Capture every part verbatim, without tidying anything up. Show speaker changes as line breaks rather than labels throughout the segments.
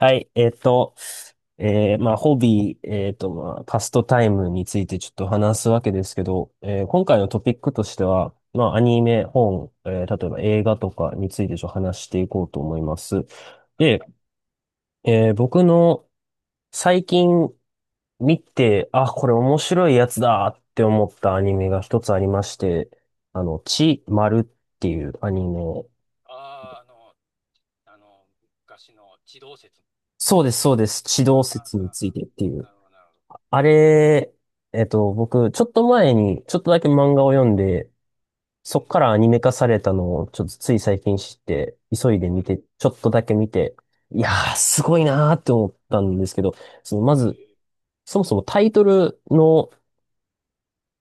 はい、えっと、えーまあ、ホビー、えっと、まあ、パストタイムについてちょっと話すわけですけど、えー今回のトピックとしては、まあ、アニメ、本、えー例えば映画とかについてちょっと話していこうと思います。
はい。
で、えー僕の最近見て、あ、これ面白いやつだって思ったアニメが一つありまして、あの、ち、まるっていうアニメ。
ああ、あの、あの、昔の地動説。
そうです、そうです。地
あ
動
あ、あ
説に
あ
ついて
あ
っていう。
なるほど、なるほど。
あれ、えっと、僕、ちょっと前に、ちょっとだけ漫画を読んで、
う
そ
ん
っからアニメ化されたのを、ちょっとつい最近知って、急いで
うん、う
見
ん、
て、ちょっとだけ見て、いやー、すごいなーって思ったんですけど、その、ま
えー、
ず、そもそもタイトルの、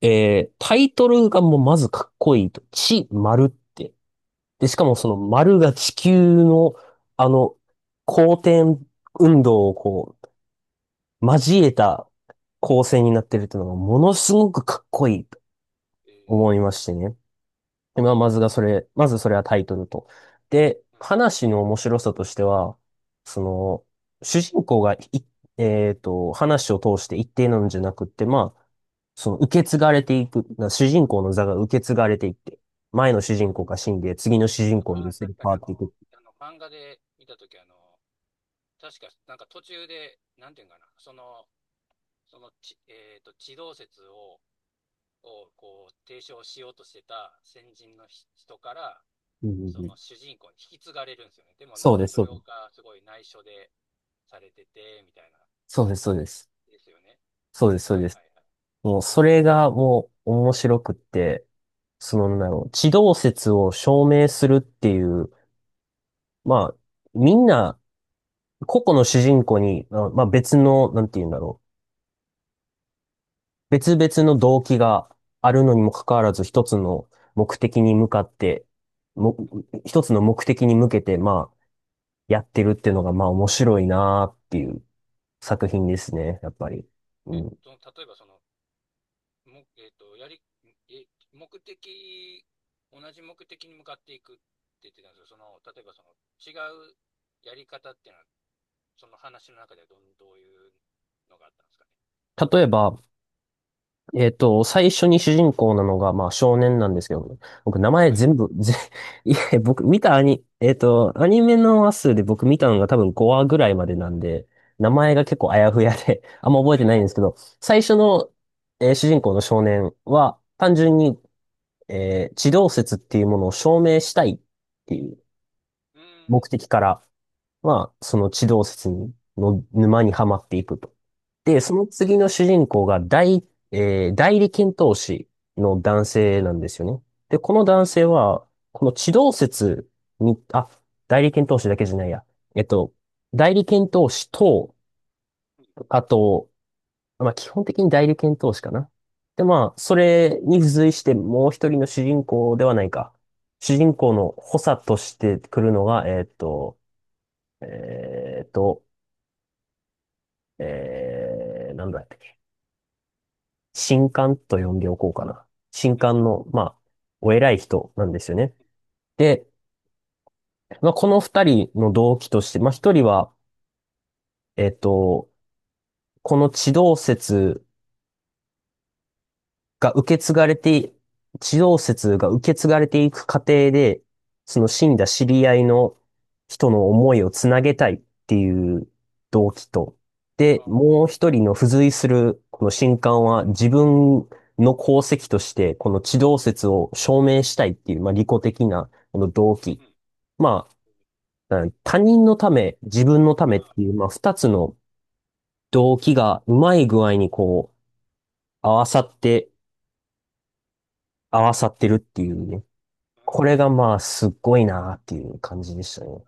えー、タイトルがもうまずかっこいいと、地、丸って。で、し
うん
か
うん、
もその丸が地球の、あの、公転運動をこう、交えた構成になってるっていうのが、ものすごくかっこいい。思いま
え
してね。で、まあ、まずがそれ、まずそれはタイトルと。で、
ー、うん、
話の面白さとしては、その、主人公がい、えっと、話を通して一定なんじゃなくって、まあ、その受け継がれていく、な主人公の座が受け継がれていって、前の主
うん。
人公が死んで、次の主人公に
ああ、
移り
確か
変
に
わ
あ
っ
の、
ていく。
あの、漫画で見たとき、あの、確か、なんか途中で、なんていうんかな、その、そのち、えっと、地動説を、を、こう、提唱しようとしてた先人のひ人から、
うんう
そ
んう
の
ん。
主人公に引き継がれるんですよね。でもな
そ
ん
うで
か
す、
そ
そ
れ
う
が
です。
すごい内緒でされてて、みたいな、
そうです、そうです。
ですよね。
そうです、そう
はいはい
です。
はい。
もう、それがもう面白くって、その、なんだろう、地動説を証明するっていう、まあ、みんな、個々の主人公に、まあまあ別の、なんて言うんだろう。別々の動機があるのにもかかわらず、一つの目的に向かって、も、一つの目的に向けて、まあ、やってるっていうのが、まあ面白いなーっていう作品ですね、やっぱり。う
え、
ん。
その、例えばその、も、えっと、やり、え、目的、同じ目的に向かっていくって言ってたんですけど、その、例えばその、違うやり方っていうのは、その話の中ではどん、どういうのがあったんですかね。
例えば、えっと、最初に主人公なのが、まあ、少年なんですけど、僕、名前
はい。
全部、ぜ、いや僕、見たアニ、えっと、アニメの話数で僕見たのが多分ごわぐらいまでなんで、名
う
前
ん。
が結構あやふやで、あんま覚え
は
てない
い。
んですけど、最初の、えー主人公の少年は、単純に、えー地動説っていうものを証明したいっていう
う
目
ん。
的から、まあ、その地動説の沼にはまっていくと。で、
はい。
その次の主人公が代、えー代理検討士の男性なんですよね。で、この
う
男性
ん。
は、この地動説に、あ、代理検討士だけじゃないや。えっと、代理検討士と、
うん。
あと、まあ、基本的に代理検討士かな。で、まあ、それに付随してもう一人の主人公ではないか。主人公の補佐として来るのが、えっと、えっと、えー、なんだったっけ。神官と呼んでおこうかな。神
うん。
官の、まあ、お偉い人なんですよね。で、まあ、この二人の動機として、まあ、一人は、えっと、この地動説が受け継がれて、地動説が受け継がれていく過程で、その死んだ知り合いの人の思いをつなげたいっていう動機と、で、
あ、
もう一人の付随するこの神官は自分の功績として、この地動説を証明したいっていう、まあ、利己的なこの動機。
うん。
まあ、他人のため、自分のためっ
あ、
ていう、まあ、二つの動機がうまい具合にこう、合わさって、合わさってるっていうね。
うん。
これがまあ、すっごいなっていう感じでしたね。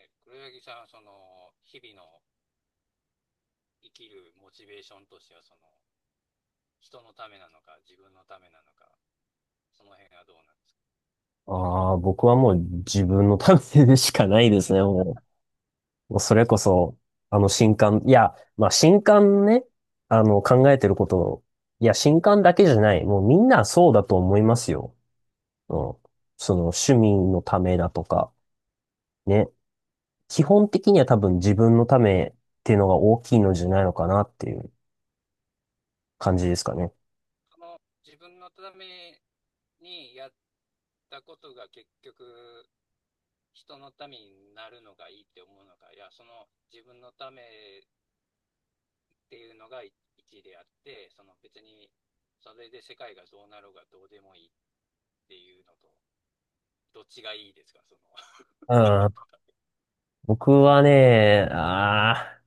え、黒柳さんはその、日々の生きるモチベーションとしては、その、人のためなのか、自分のためなのか、その辺はどうなんですか。
ああ、僕はもう自分のためでしかないですね、もう。もうそれこ
なる
そ、あの新刊、いや、まあ新刊ね、あの考えてることを、いや、新刊だけじゃない、もうみんなそうだと思いますよ。うん。その趣味のためだとか、ね。基本的には多分自分のためっていうのが大きいのじゃないのかなっていう感じですかね。
その自分のためにやったことが結局人のためになるのがいいって思うのか、いや、その自分のためっていうのが一一であって、その別にそれで世界がどうなろうがどうでもいいっていうのと、どっちがいいですか、その
う
なんてい
ん。
うか、
僕はね、ああ、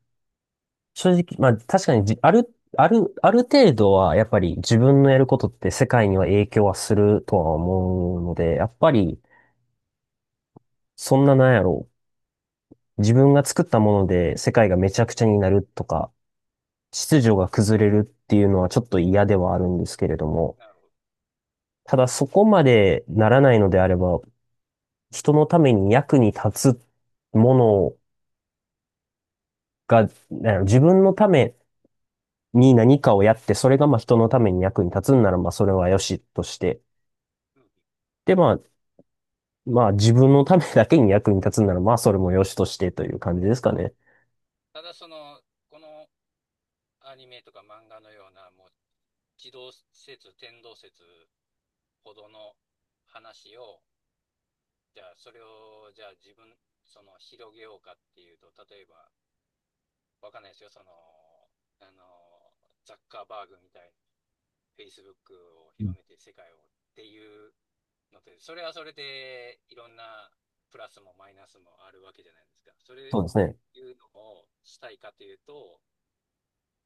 正直、まあ確かにじ、ある、ある、ある程度はやっぱり自分のやることって世界には影響はするとは思うので、やっぱりそんななんやろう。自分が作ったもので世界がめちゃくちゃになるとか、秩序が崩れるっていうのはちょっと嫌ではあるんですけれども、
なるほど。
ただそこまでならないのであれば、人のために役に立つものが、なんやろ自分のために何かをやって、それがまあ人のために役に立つんならまあそれはよしとして、
うん。
で、まあ、まあ自分のためだけに役に立つなら、まあそれも良しとしてという感じですかね。
ただその、このアニメとか漫画のような、もう、地動説、天動説ほどの話をじゃあ、それを、じゃあ自分、その、広げようかっていうと、例えば、わかんないですよ、その、あの、ザッカーバーグみたいに、フェイスブック を
うん、
広めて世界をっていうのって、それはそれで、いろんなプラスもマイナスもあるわけじゃないですか。それ
そうですね。
いうのをしたいかというと、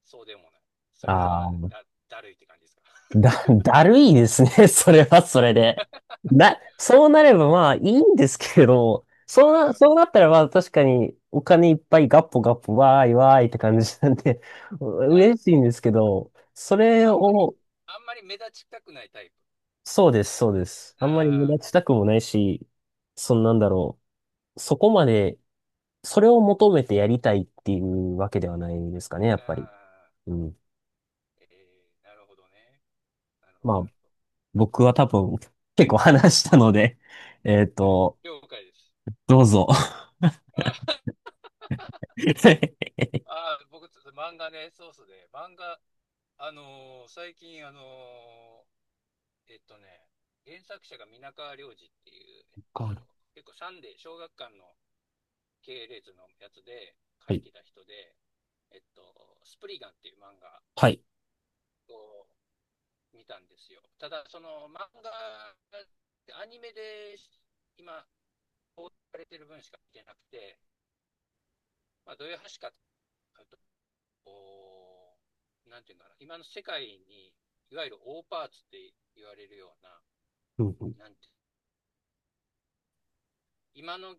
そうでもない。それ
あ
は
あ、
だ、だるいって感じですか。
だ、だるいですね。それはそれで。な、そうなればまあいいんですけれど、
う
そうな、そう
ん。
なったらまあ確かにお金いっぱいガッポガッポわーいわーいって感じなんで、
だ、
嬉しいんですけ
あ
ど、それ
あんまり、
を、
あんまり目立ちたくないタイプ。
そうです、そうです。あんまり無
あ
駄したくもないし、そんなんだろう。そこまでそれを求めてやりたいっていうわけではないですかね、や
あ、
っぱり。
ああ。
うん。
えー、なるほどね。なるほど、
まあ、
なるほど。
僕は多分結構話したので、えっ
はい。
と、
了解です。
どうぞ。
ああー、僕、漫画ね、そうそうで、漫画、あのー最近、あのーえっとね、原作者が皆川亮司っていう、えっと、
は
結構サンデー、小学館の系列のやつで書い
い。
てた人で、えっと、スプリガンっていう漫画
はい。
を見たんですよ。ただ、その漫画、アニメで今、放送されてる分しか見てなくて、まあ、どういう話かっあとこうなんていうんだ今の世界に、いわゆる大パーツって言われるような、
うんうん
なんて、今の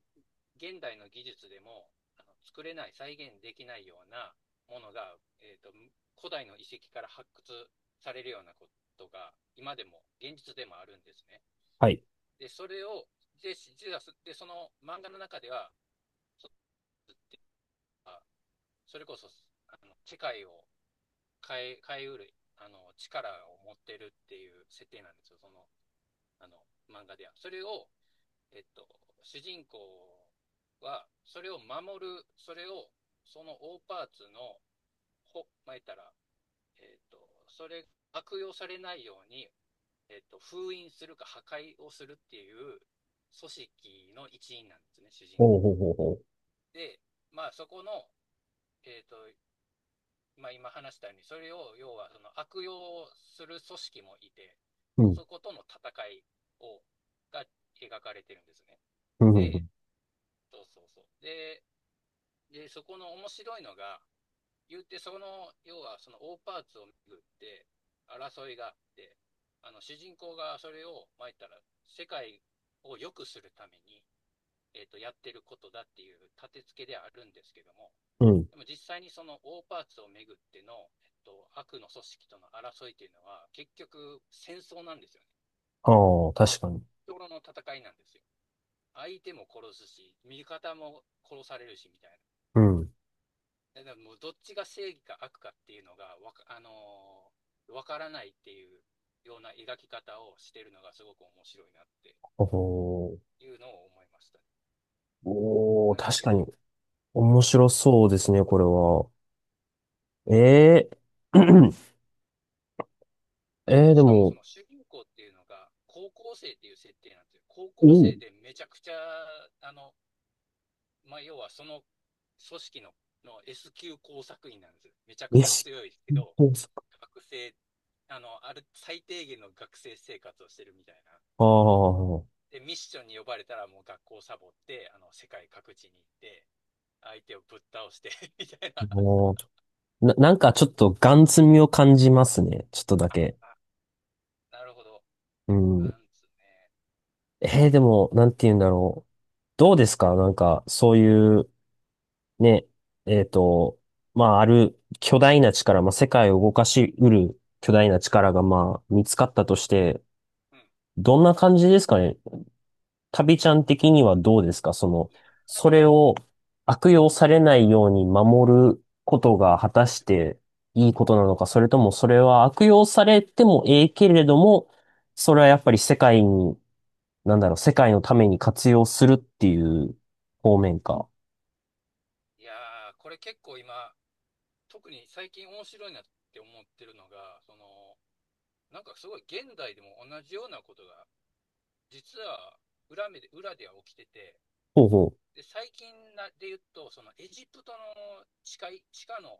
現代の技術でもあの作れない、再現できないようなものが、えっと、古代の遺跡から発掘されるようなことが、今でも、現実でもあるんですね。
はい。
で、それを、で、実はでその漫画の中では、そそれこそ、あの世界を変え、変えうる、あの、力を持ってるっていう設定なんですよ、その、あの、漫画では。それを、えっと、主人公は、それを守る、それを、その大パーツの、ほ、まえたら、えっと、それ、悪用されないように、えっと、封印するか破壊をするっていう組織の一員なんですね、主人
ほ
公
う
が。
ほうほうほ
で、まあ、そこの、えっと、まあ、今話したように、それを要はその悪用する組織もいて、
う。うん。
そことの戦いをが描かれてるんですね。
うん。うんう
で、
ん。
そうそうそう。で、でそこの面白いのが、言ってその要はその大パーツを巡って争いがあって、あの主人公がそれを、まいたら世界を良くするために、えっとやってることだっていう立て付けではあるんですけども、
うん。
でも実際にその大パーツをめぐっての、えっと、悪の組織との争いというのは、結局戦争なんですよね。
ああ、確かに。
日頃の戦いなんですよ。相手も殺すし、味方も殺されるし、みたい
うん。
な。だからもうどっちが正義か悪かっていうのが、わか、あのーわからないっていうような描き方をしてるのがすごく面白いなって
おー
いうのを思いましたね。
おー、
なんか
確
結
かに。
構。
面白
そうそ
そうですね、これは。ええー えー
う
で
しかもそ
も、
の主人公っていうのが高校生っていう設定なんですよ。高
お
校
お、
生でめちゃくちゃ、あの、まあ、要はその組織のの エスきゅう工作員なんですめちゃく
レ
ちゃ
シ
強いけ
ピ
ど、
工作。
学生、あの、ある、最低限の学生生活をしてるみたいな。
ああ、あ
で、ミッションに呼ばれたらもう学校をサボって、あの、世界各地に行って、相手をぶっ倒して みたいな。
あな、なんかちょっとガン積みを感じますね。ちょっとだ け。
なるほど。
うん。
なんつね。
えー、でも、なんて言うんだろう。どうですかなんか、そういう、ね、えっと、まあ、ある巨大な力、まあ、世界を動かしうる巨大な力が、まあ、見つかったとして、
うん。
どんな感じですかね旅ちゃん的にはどうですかその、
いや、あ
そ
の、
れを悪
うん。
用されないように守ることが果たしていいことなのか、それともそれは悪用されてもええけれども、それはやっぱり世界に、なんだろう、世界のために活用するっていう方面か。
いやー、これ結構今、特に最近面白いなって思ってるのが、その、なんかすごい現代でも同じようなことが実は裏目で裏では起きてて、
ほうほう。
で最近なで言うと、そのエジプトの地下地下の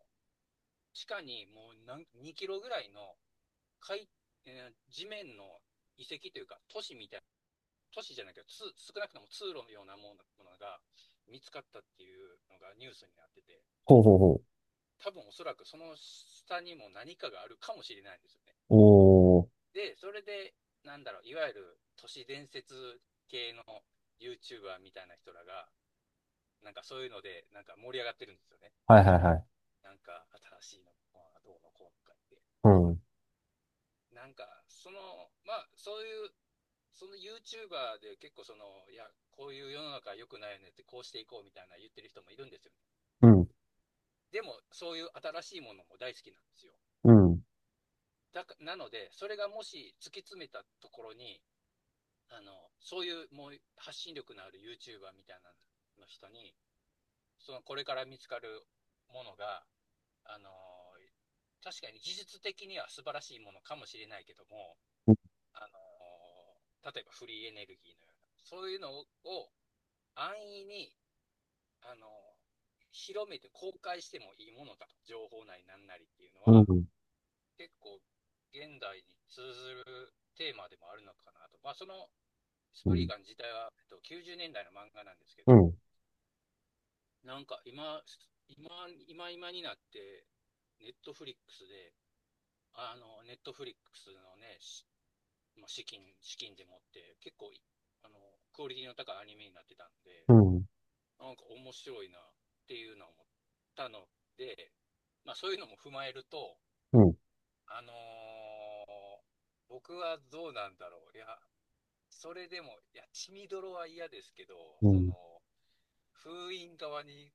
地下にもう何にキロぐらいの海、えー地面の遺跡、都市じゃないけど、つ少なくとも通路のようなものものが見つかったっていうのがニュースになってて、
ほうほうほう。
多分おそらくその下にも何かがあるかもしれないんですよね。
おー。
で、それで、なんだろう、いわゆる都市伝説系の YouTuber みたいな人らが、なんかそういうので、なんか盛り上がってるんですよね。
はいはいはい。
なんか新しいのがどうのこうのかって。
うん。
なんか、その、まあ、そういう、その YouTuber で結構その、いや、こういう世の中良くないよねって、こうしていこうみたいな言ってる人もいるんですよね。
うん。
でも、そういう新しいものも大好きなんですよ。
うん。
だかなので、それがもし突き詰めたところに、あの、そういうもう発信力のある YouTuber みたいなの人に、そのこれから見つかるものが、あのー確かに技術的には素晴らしいものかもしれないけども、
うん。
あのー例えばフリーエネルギーのような、そういうのを安易に、あのー広めて公開してもいいものだと、情報内なんなりっていうの
う
は、
ん。
結構現代に通ずるテーマでもあるのかなと。まあ、そのス
う
プリ
ん。
ーガン自体は、えっと、きゅうじゅうねんだいの漫画なんですけ
う
ど、
ん。
なんか今、今、今今になって、ネットフリックスで、あの、ネットフリックスのね、しまあ、資金、資金でもって、結構あの、クオリティの高いアニメになってたんで、なんか面白いなっていうのを思ったので、まあそういうのも踏まえると、
うん。
あのー僕はどうなんだろう。いや、それでも、いや、血みどろは嫌ですけど、
う
そ
ん。
の、封印側に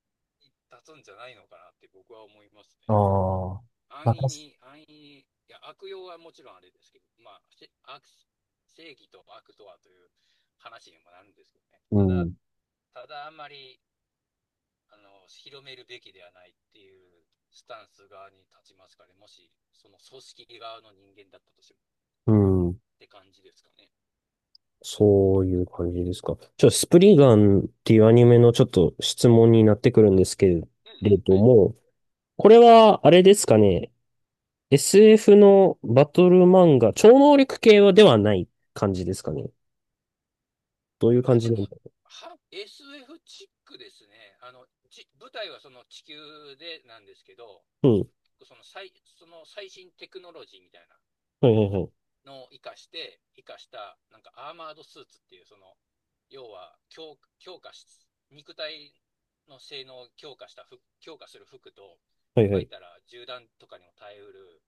立つんじゃないのかなって僕は思いますね。
ああ。
安
ま
易
たす。
に、安易に、いや、悪用はもちろんあれですけど、まあ、悪正義と悪とはという話にもなるんですけどね。
う
ただ、
ん。
ただあんまり、あの、広めるべきではないっていうスタンス側に立ちますかね。もし、その組織側の人間だったとしても
うん。
って感じですかね。
そういう感じですか。ちょ、スプリガンっていうアニメのちょっと質問になってくるんですけれ
うんうん。
ど
はい。
も、これは、あれですかね。エスエフ のバトル漫画、超能力系はではない感じですかね。どういう
ま
感
あ
じ
で
なん
も、
だ。
は エスエフ チックですね。あの、ち舞台はその地球でなんですけど、
うん。
その最、その最新テクノロジーみたい
はいはいはい。
なのを活かして、活かした、なんかアーマードスーツっていう、その、要は強、強化し、肉体の性能を強化した服、強化する服と、
はい
ま
は
あ、言
い。
ったら銃弾とかにも耐えうる、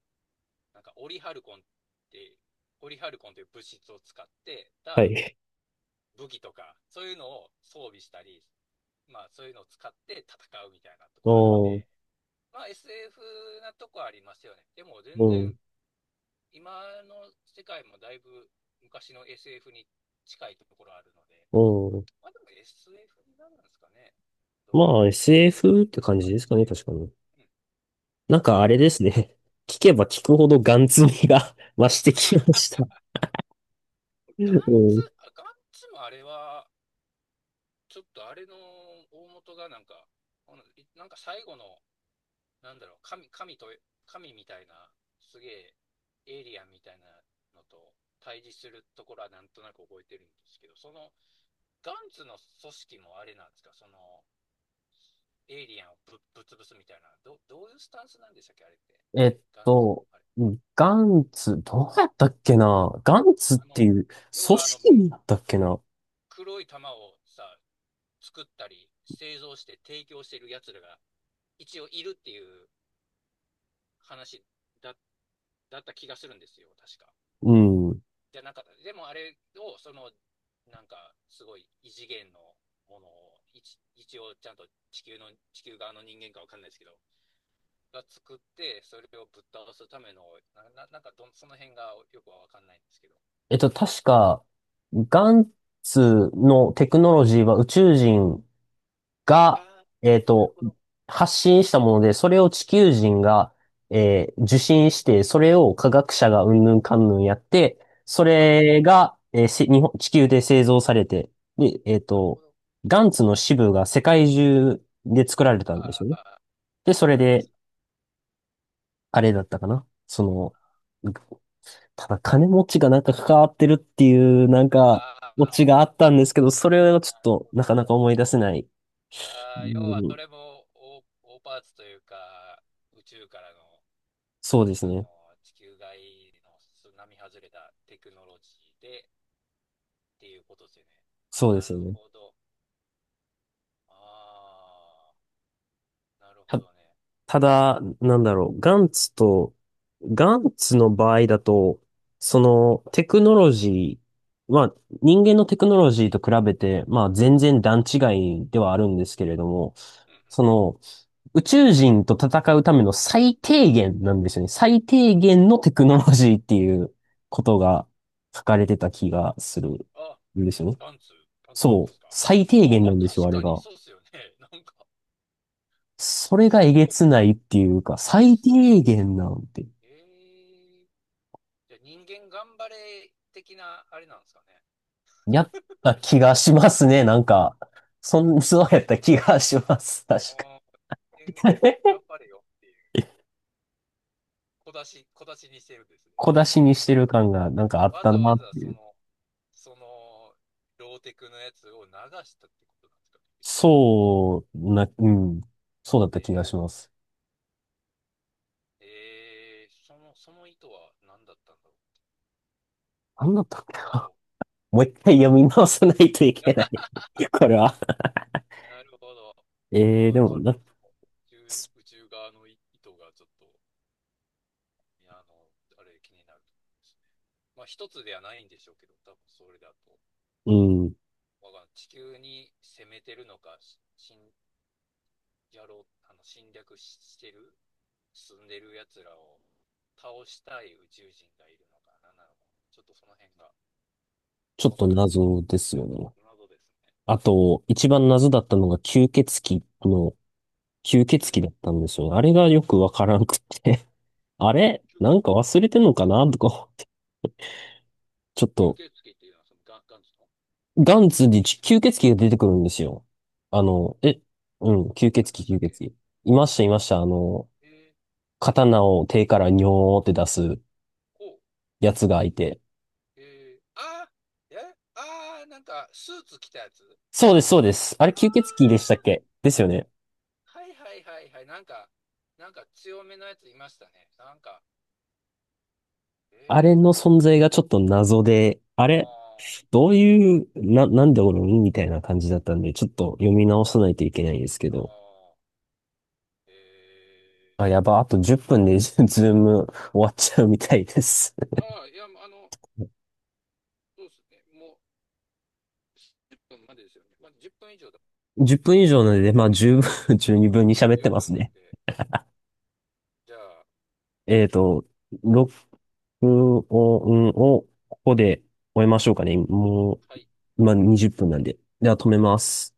なんかオリハルコンって、オリハルコンという物質を使って
は
た
い。
武器とか、そういうのを装備したり、まあそういうのを使って戦うみたいなと
あ
こあるんで、
あ。
まあ エスエフ なとこありますよね。でも
う
全然、
ん。
今の世界もだいぶ昔の エスエフ に近いところあるので、
うん。
まあでも エスエフ になるんですかね。
まあ、
エスエフ
エスエフ っ
で、
て
と
感
か
じ
あり
で
ま
す
す
かね、
ね。
確かに。
うん、
なんかあれ
そう。
ですね。聞けば聞くほどガン積みが 増してきました。う
ガンツ、
ん。
ガンツもあれは、ちょっとあれの大元がなんか、のなんか最後のなんだろう、神、神と、神みたいな、すげえ、エイリアンみたいなのと対峙するところはなんとなく覚えてるんですけど、その、ガンツの組織もあれなんですか、その、エイリアンをぶ、ぶつぶすみたいな、ど、どういうスタンスなんでしたっけ、あれって。
えっ
ガンツの、
と、
あれ。
ガンツ、どうやったっけなガンツっ
あの、
ていう
要
組
はあの、
織だったっけな。
黒い玉をさ、作ったり、製造して提供してる奴らが一応いるっていう話だ、だった気がするんですよ、確か。
うん。
じゃなかった。でもあれを、その、なんか、すごい異次元のものを、一一応ちゃんと地球の、地球側の人間かわかんないですけど、が作って、それをぶっ倒すための、な、ななんかどその辺がよくはわかんないんですけど。
えっと、確か、ガンツのテクノロジーは宇宙人
あ
が、
あ、
えっ
なる
と、
ほど。
発信したもので、それを地球人が、えー受信して、それを科学者がうんぬんかんぬんやって、そ
ああ、
れが、えーせ日本、地球で製造されて、で、えっ
なるほ
と、
ど。
ガンツの支部が世界中で作られた
あ
んですよ
あ、
ね。で、そ
あ
れ
あ、確
で、
かに。
あれだったかな。その、ただ金持ちがなんか関わってるっていう、なんか、
あ
オ
あ、
チがあったんですけど、それはちょ
な
っ
る
と
ほ
な
ど。
かなか思い出せない。う
ああ、要はそ
ん、
れも大、大パーツというか、宇宙からの、
そうです
あの、
ね。
地球外のす外れたテクノロジーで、っていうことですよね。
そうで
な
すよ
る
ね。
ほど。ああ、なるほ
た、
どね。
ただ、なんだろう、ガンツと、ガンツの場合だと、そのテクノロジー、まあ人間のテクノロジーと比べて、まあ全然段違いではあるんですけれども、
うん
そ
う
の宇宙人と戦うための最低限なんですよね。最低限のテクノロジーっていうことが書かれてた気がす
ん。
る
あ、
んですよね。
パンツ、パンツのや
そ
つで
う。
すか。
最低
ああ、
限な
まあ
んですよ、
確
あれ
かに
が。
そうですよね。なんか、
それが
そ
え
うで
げ
すよ
つないっていうか、
ね。
最
最、
低限なんて、
ええ、じゃあ人間頑張れ的なあれなんですかね。
やった気がしますね。なんか、そん、そうやった気がします。確か
ああ、人間
に。
頑張れよっていう、小出し、小出しにしてるんです ね。
小出
い
し
や、わ
にし
か
て
っ
る感がなんかあった
た。
な
わ
っ
ざわざ
てい
そ
う。
の、その、ローテクのやつを流したってことなんですかね、宇宙側が。
そうな、うん。そうだっ
え
た気が
ー
します。
えー、その、その意図は何だったんだろ
なんだったっけ
う。わ
な。
お。
もう一回読み直さないとい
い
けない。
や、
これは。
なるほど。
えー、
あ
で
ー、ちょ
も
っ
な、
と、宇宙、宇宙側の意図がちょっと、いや、あの、あれ気になるところですね。まあ、一つではないんでしょうけど、多分それだと、
うん。
わかんない、地球に攻めてるのか、し侵、やろう、あの、侵略ししてる、住んでる奴らを倒したい宇宙人がいるのか、なんなのか、ちょっとその辺が
ちょっ
わ
と
かんないです。
謎ですよね。
謎ですね。
あと、一番謎だったのが吸血鬼の吸
う
血
ん。
鬼だったんですよ。あれがよくわからんくて あれ
吸
な
血
んか忘れてんのかなとか思って。ちょっ
吸
と、
血鬼っていうのはそのガンガンズの。
ガンツに吸血鬼が出てくるんですよ。あの、え、うん、吸
あ
血
りました
鬼、吸
っけ。
血鬼。いました、いました。あの、
え
刀を手からニョーって出す
ー、お。
やつがいて。
えー、あー、え、あー、なんかスーツ着たやつ。
そうです、そうです。あれ
あ
吸血鬼でしたっけですよね。
ー、はいはいはいはい、なんか、なんか強めのやついましたね、なんか。え
あれの
ー、
存在がちょっと謎で、あれ
あ
どういう、な、なんでおるんみたいな感じだったんで、ちょっと読み直さないといけないんですけ
ー、
ど。
あー、え
あ、やば、あとじゅっぷんで ズーム終わっちゃうみたいです。
ー、あー、いや、あの、そうですね、もうじゅっぷんまでですよね。まあじゅっぷん以上だ、
じゅっぷん以上なので、まあ十分、十二分に
もう
喋って
十
ます
分な
ね。
んで、じゃあ、
えっと、録音をここで終えましょうかね。も
はい。
う、まあにじゅっぷんなんで。では止めま
はい。
す。